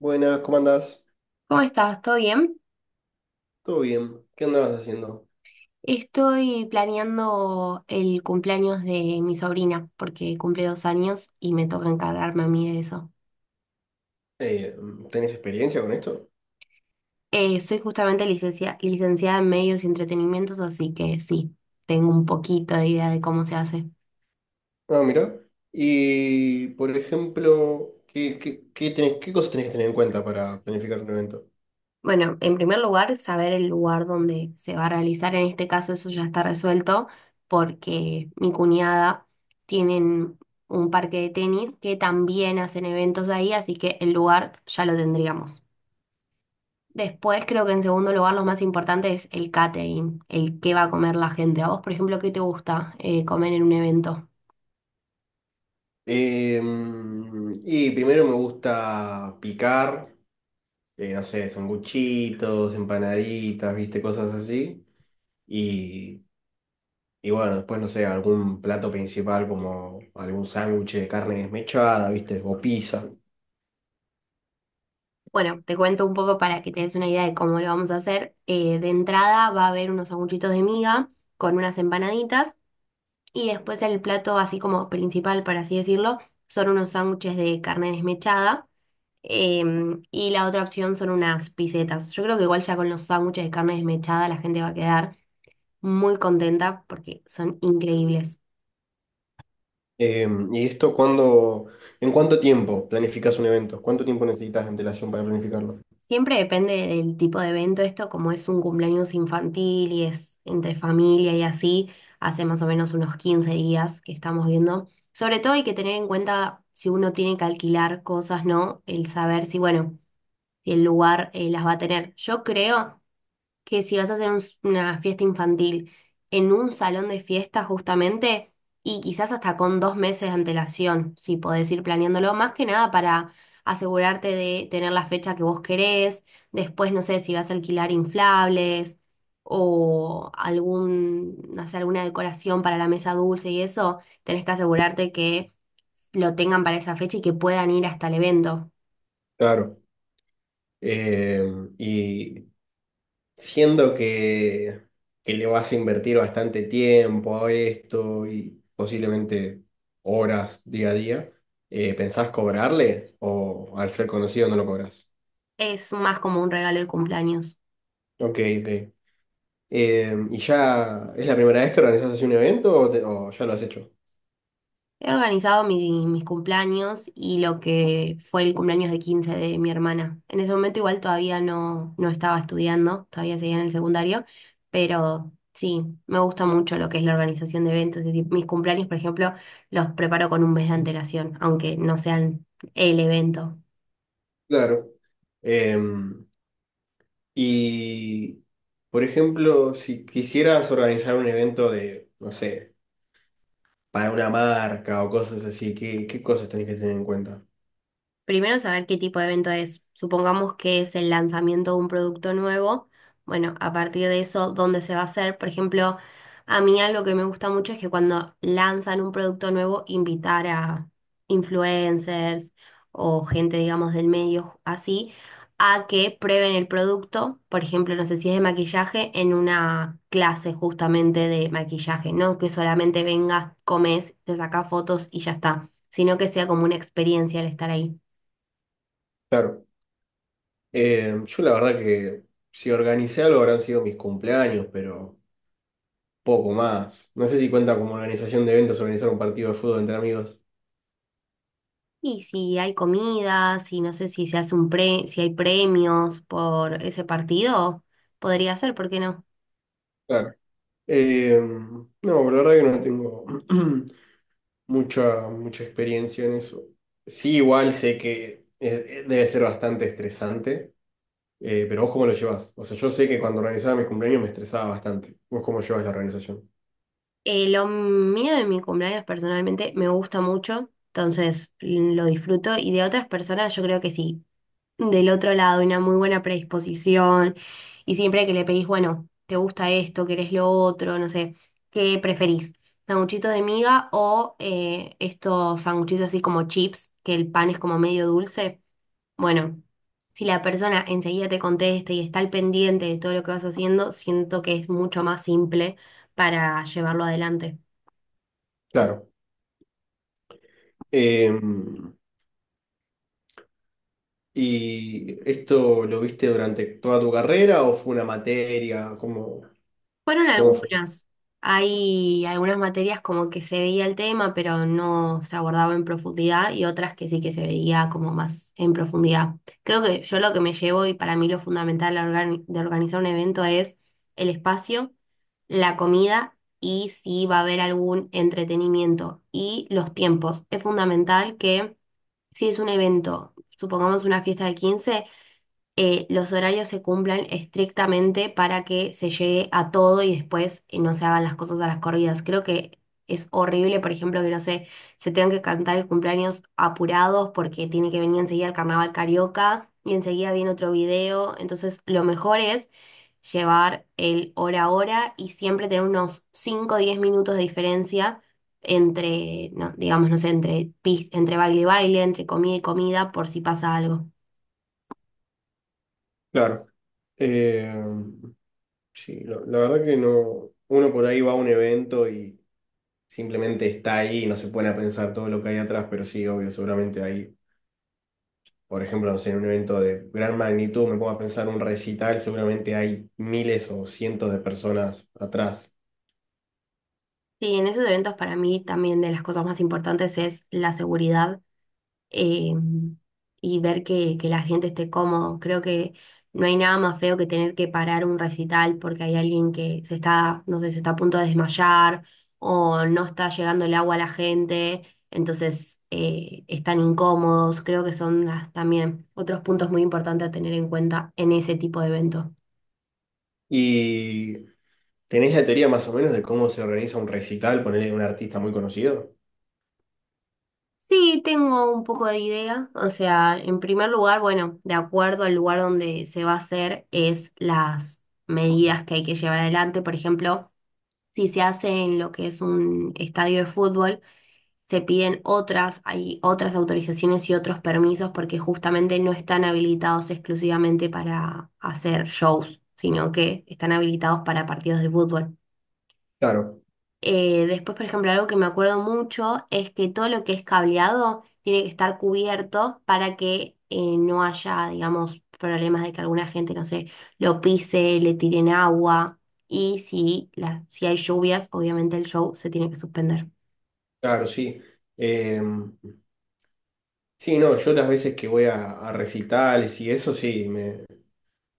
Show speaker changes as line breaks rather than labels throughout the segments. Buenas, ¿cómo andás?
¿Cómo estás? ¿Todo bien?
¿Todo bien? ¿Qué andabas haciendo?
Estoy planeando el cumpleaños de mi sobrina porque cumple 2 años y me toca encargarme a mí de eso.
Eh, ¿Tenés experiencia con esto?
Soy justamente licenciada en medios y entretenimientos, así que sí, tengo un poquito de idea de cómo se hace.
Ah, mira. Y, por ejemplo, ¿ qué cosas tenés que tener en cuenta para planificar un evento?
Bueno, en primer lugar, saber el lugar donde se va a realizar. En este caso, eso ya está resuelto porque mi cuñada tienen un parque de tenis que también hacen eventos ahí, así que el lugar ya lo tendríamos. Después creo que en segundo lugar lo más importante es el catering, el qué va a comer la gente. A vos, por ejemplo, ¿qué te gusta comer en un evento?
Eh, y primero me gusta picar, no sé, sanguchitos, empanaditas, viste, cosas así. Y, y bueno, después, no sé, algún plato principal como algún sándwich de carne desmechada, viste, o pizza.
Bueno, te cuento un poco para que te des una idea de cómo lo vamos a hacer. De entrada va a haber unos sanguchitos de miga con unas empanaditas y después el plato así como principal, por así decirlo, son unos sándwiches de carne desmechada. Y la otra opción son unas pisetas. Yo creo que igual ya con los sándwiches de carne desmechada la gente va a quedar muy contenta porque son increíbles.
Eh, ¿y esto cuándo, en cuánto tiempo planificas un evento? ¿Cuánto tiempo necesitas de antelación para planificarlo?
Siempre depende del tipo de evento. Esto, como es un cumpleaños infantil y es entre familia y así, hace más o menos unos 15 días que estamos viendo. Sobre todo hay que tener en cuenta si uno tiene que alquilar cosas, ¿no? El saber si, bueno, si el lugar las va a tener. Yo creo que si vas a hacer una fiesta infantil en un salón de fiesta justamente, y quizás hasta con 2 meses de antelación, si podés ir planeándolo, más que nada para asegurarte de tener la fecha que vos querés, después no sé si vas a alquilar inflables o algún, no sé, alguna decoración para la mesa dulce y eso, tenés que asegurarte que lo tengan para esa fecha y que puedan ir hasta el evento.
Claro. Eh, y siendo que, que le vas a invertir bastante tiempo a esto y posiblemente horas día a día, ¿pensás cobrarle o al ser conocido no lo cobras?
Es más como un regalo de cumpleaños.
Ok, ok. ¿Y ya es la primera vez que organizas así un evento o ya lo has hecho?
He organizado mis cumpleaños y lo que fue el cumpleaños de 15 de mi hermana. En ese momento igual todavía no, no estaba estudiando, todavía seguía en el secundario, pero sí, me gusta mucho lo que es la organización de eventos. Es decir, mis cumpleaños, por ejemplo, los preparo con un mes de antelación, aunque no sean el evento.
Claro. Eh, Y, por ejemplo, si quisieras organizar un evento de, no sé, para una marca o cosas así, ¿qué cosas tenés que tener en cuenta?
Primero saber qué tipo de evento es. Supongamos que es el lanzamiento de un producto nuevo. Bueno, a partir de eso, ¿dónde se va a hacer? Por ejemplo, a mí algo que me gusta mucho es que cuando lanzan un producto nuevo, invitar a influencers o gente, digamos, del medio así, a que prueben el producto. Por ejemplo, no sé si es de maquillaje, en una clase justamente de maquillaje, no que solamente vengas, comes, te sacas fotos y ya está, sino que sea como una experiencia el estar ahí.
Claro, yo la verdad que si organicé algo habrán sido mis cumpleaños, pero poco más. No sé si cuenta como organización de eventos organizar un partido de fútbol entre amigos.
Y si hay comida, si no sé si se hace un pre, si hay premios por ese partido, podría ser, ¿por qué no?
Claro. No, pero la verdad que no tengo mucha experiencia en eso. Sí, igual sé que debe ser bastante estresante. Pero ¿vos cómo lo llevas? O sea, yo sé que cuando organizaba mis cumpleaños me estresaba bastante. ¿Vos cómo llevas la organización?
Lo mío de mi cumpleaños personalmente me gusta mucho, entonces lo disfruto y de otras personas yo creo que sí. Del otro lado, una muy buena predisposición y siempre que le pedís, bueno, ¿te gusta esto? ¿Querés lo otro? No sé, ¿qué preferís? ¿Sanguchitos de miga o estos sanguchitos así como chips, que el pan es como medio dulce? Bueno, si la persona enseguida te contesta y está al pendiente de todo lo que vas haciendo, siento que es mucho más simple para llevarlo adelante.
Claro. Eh, ¿Y esto lo viste durante toda tu carrera o fue una materia? ¿Cómo,
Fueron
cómo fue?
algunas. Hay algunas materias como que se veía el tema, pero no se abordaba en profundidad, y otras que sí que se veía como más en profundidad. Creo que yo lo que me llevo, y para mí lo fundamental a de organizar un evento es el espacio, la comida y si va a haber algún entretenimiento y los tiempos. Es fundamental que si es un evento, supongamos una fiesta de 15 los horarios se cumplan estrictamente para que se llegue a todo y después no se hagan las cosas a las corridas. Creo que es horrible, por ejemplo, que no sé, se tengan que cantar el cumpleaños apurados porque tiene que venir enseguida el carnaval carioca y enseguida viene otro video. Entonces, lo mejor es llevar el hora a hora y siempre tener unos cinco o 10 minutos de diferencia entre, no, digamos, no sé, entre, entre baile y baile, entre comida y comida, por si pasa algo.
Claro. Eh, sí, la verdad que no. Uno por ahí va a un evento y simplemente está ahí y no se pone a pensar todo lo que hay atrás, pero sí, obvio, seguramente hay, por ejemplo, no sé, en un evento de gran magnitud, me pongo a pensar un recital, seguramente hay miles o cientos de personas atrás.
Sí, en esos eventos para mí también de las cosas más importantes es la seguridad, eh, y ver que la gente esté cómodo. Creo que no hay nada más feo que tener que parar un recital porque hay alguien que se está, no sé, se está a punto de desmayar o no está llegando el agua a la gente, entonces están incómodos. Creo que son también otros puntos muy importantes a tener en cuenta en ese tipo de eventos.
¿Y tenés la teoría más o menos de cómo se organiza un recital, ponerle un artista muy conocido?
Sí, tengo un poco de idea. O sea, en primer lugar, bueno, de acuerdo al lugar donde se va a hacer, es las medidas que hay que llevar adelante. Por ejemplo, si se hace en lo que es un estadio de fútbol, se piden otras, hay otras autorizaciones y otros permisos porque justamente no están habilitados exclusivamente para hacer shows, sino que están habilitados para partidos de fútbol.
Claro,
Después, por ejemplo, algo que me acuerdo mucho es que todo lo que es cableado tiene que estar cubierto para que no haya, digamos, problemas de que alguna gente, no sé, lo pise, le tiren agua. Y si, si hay lluvias, obviamente el show se tiene que suspender.
claro, sí. Eh, sí, no, yo las veces que voy a recitales y eso, sí, me,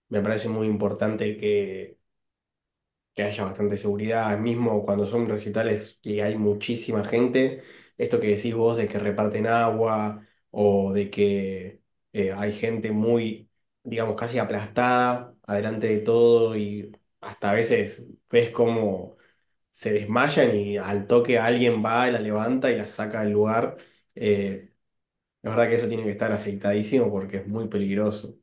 me parece muy importante que haya bastante seguridad, mismo cuando son recitales que hay muchísima gente, esto que decís vos de que reparten agua o de que hay gente muy, digamos, casi aplastada adelante de todo y hasta a veces ves cómo se desmayan y al toque alguien va, la levanta y la saca del lugar. Eh, la verdad que eso tiene que estar aceitadísimo porque es muy peligroso.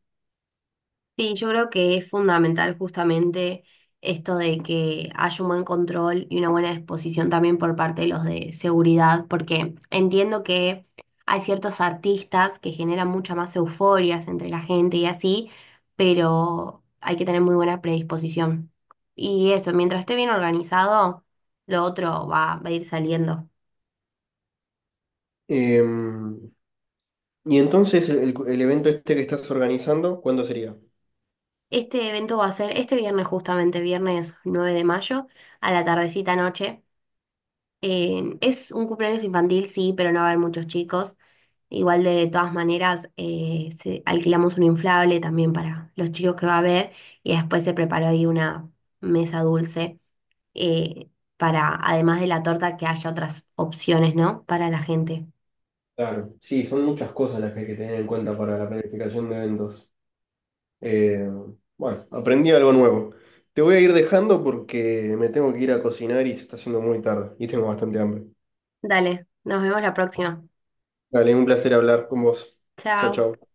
Sí, yo creo que es fundamental justamente esto de que haya un buen control y una buena disposición también por parte de los de seguridad, porque entiendo que hay ciertos artistas que generan mucha más euforias entre la gente y así, pero hay que tener muy buena predisposición. Y eso, mientras esté bien organizado, lo otro va a ir saliendo.
Em, y entonces el evento este que estás organizando, ¿cuándo sería?
Este evento va a ser este viernes justamente, viernes 9 de mayo, a la tardecita noche. Es un cumpleaños infantil, sí, pero no va a haber muchos chicos. Igual de todas maneras, alquilamos un inflable también para los chicos que va a haber y después se preparó ahí una mesa dulce, eh, para, además de la torta, que haya otras opciones, ¿no? Para la gente.
Claro, sí, son muchas cosas las que hay que tener en cuenta para la planificación de eventos. Eh, bueno, aprendí algo nuevo. Te voy a ir dejando porque me tengo que ir a cocinar y se está haciendo muy tarde y tengo bastante hambre.
Dale, nos vemos la próxima.
Dale, un placer hablar con vos. Chao,
Chao.
chao.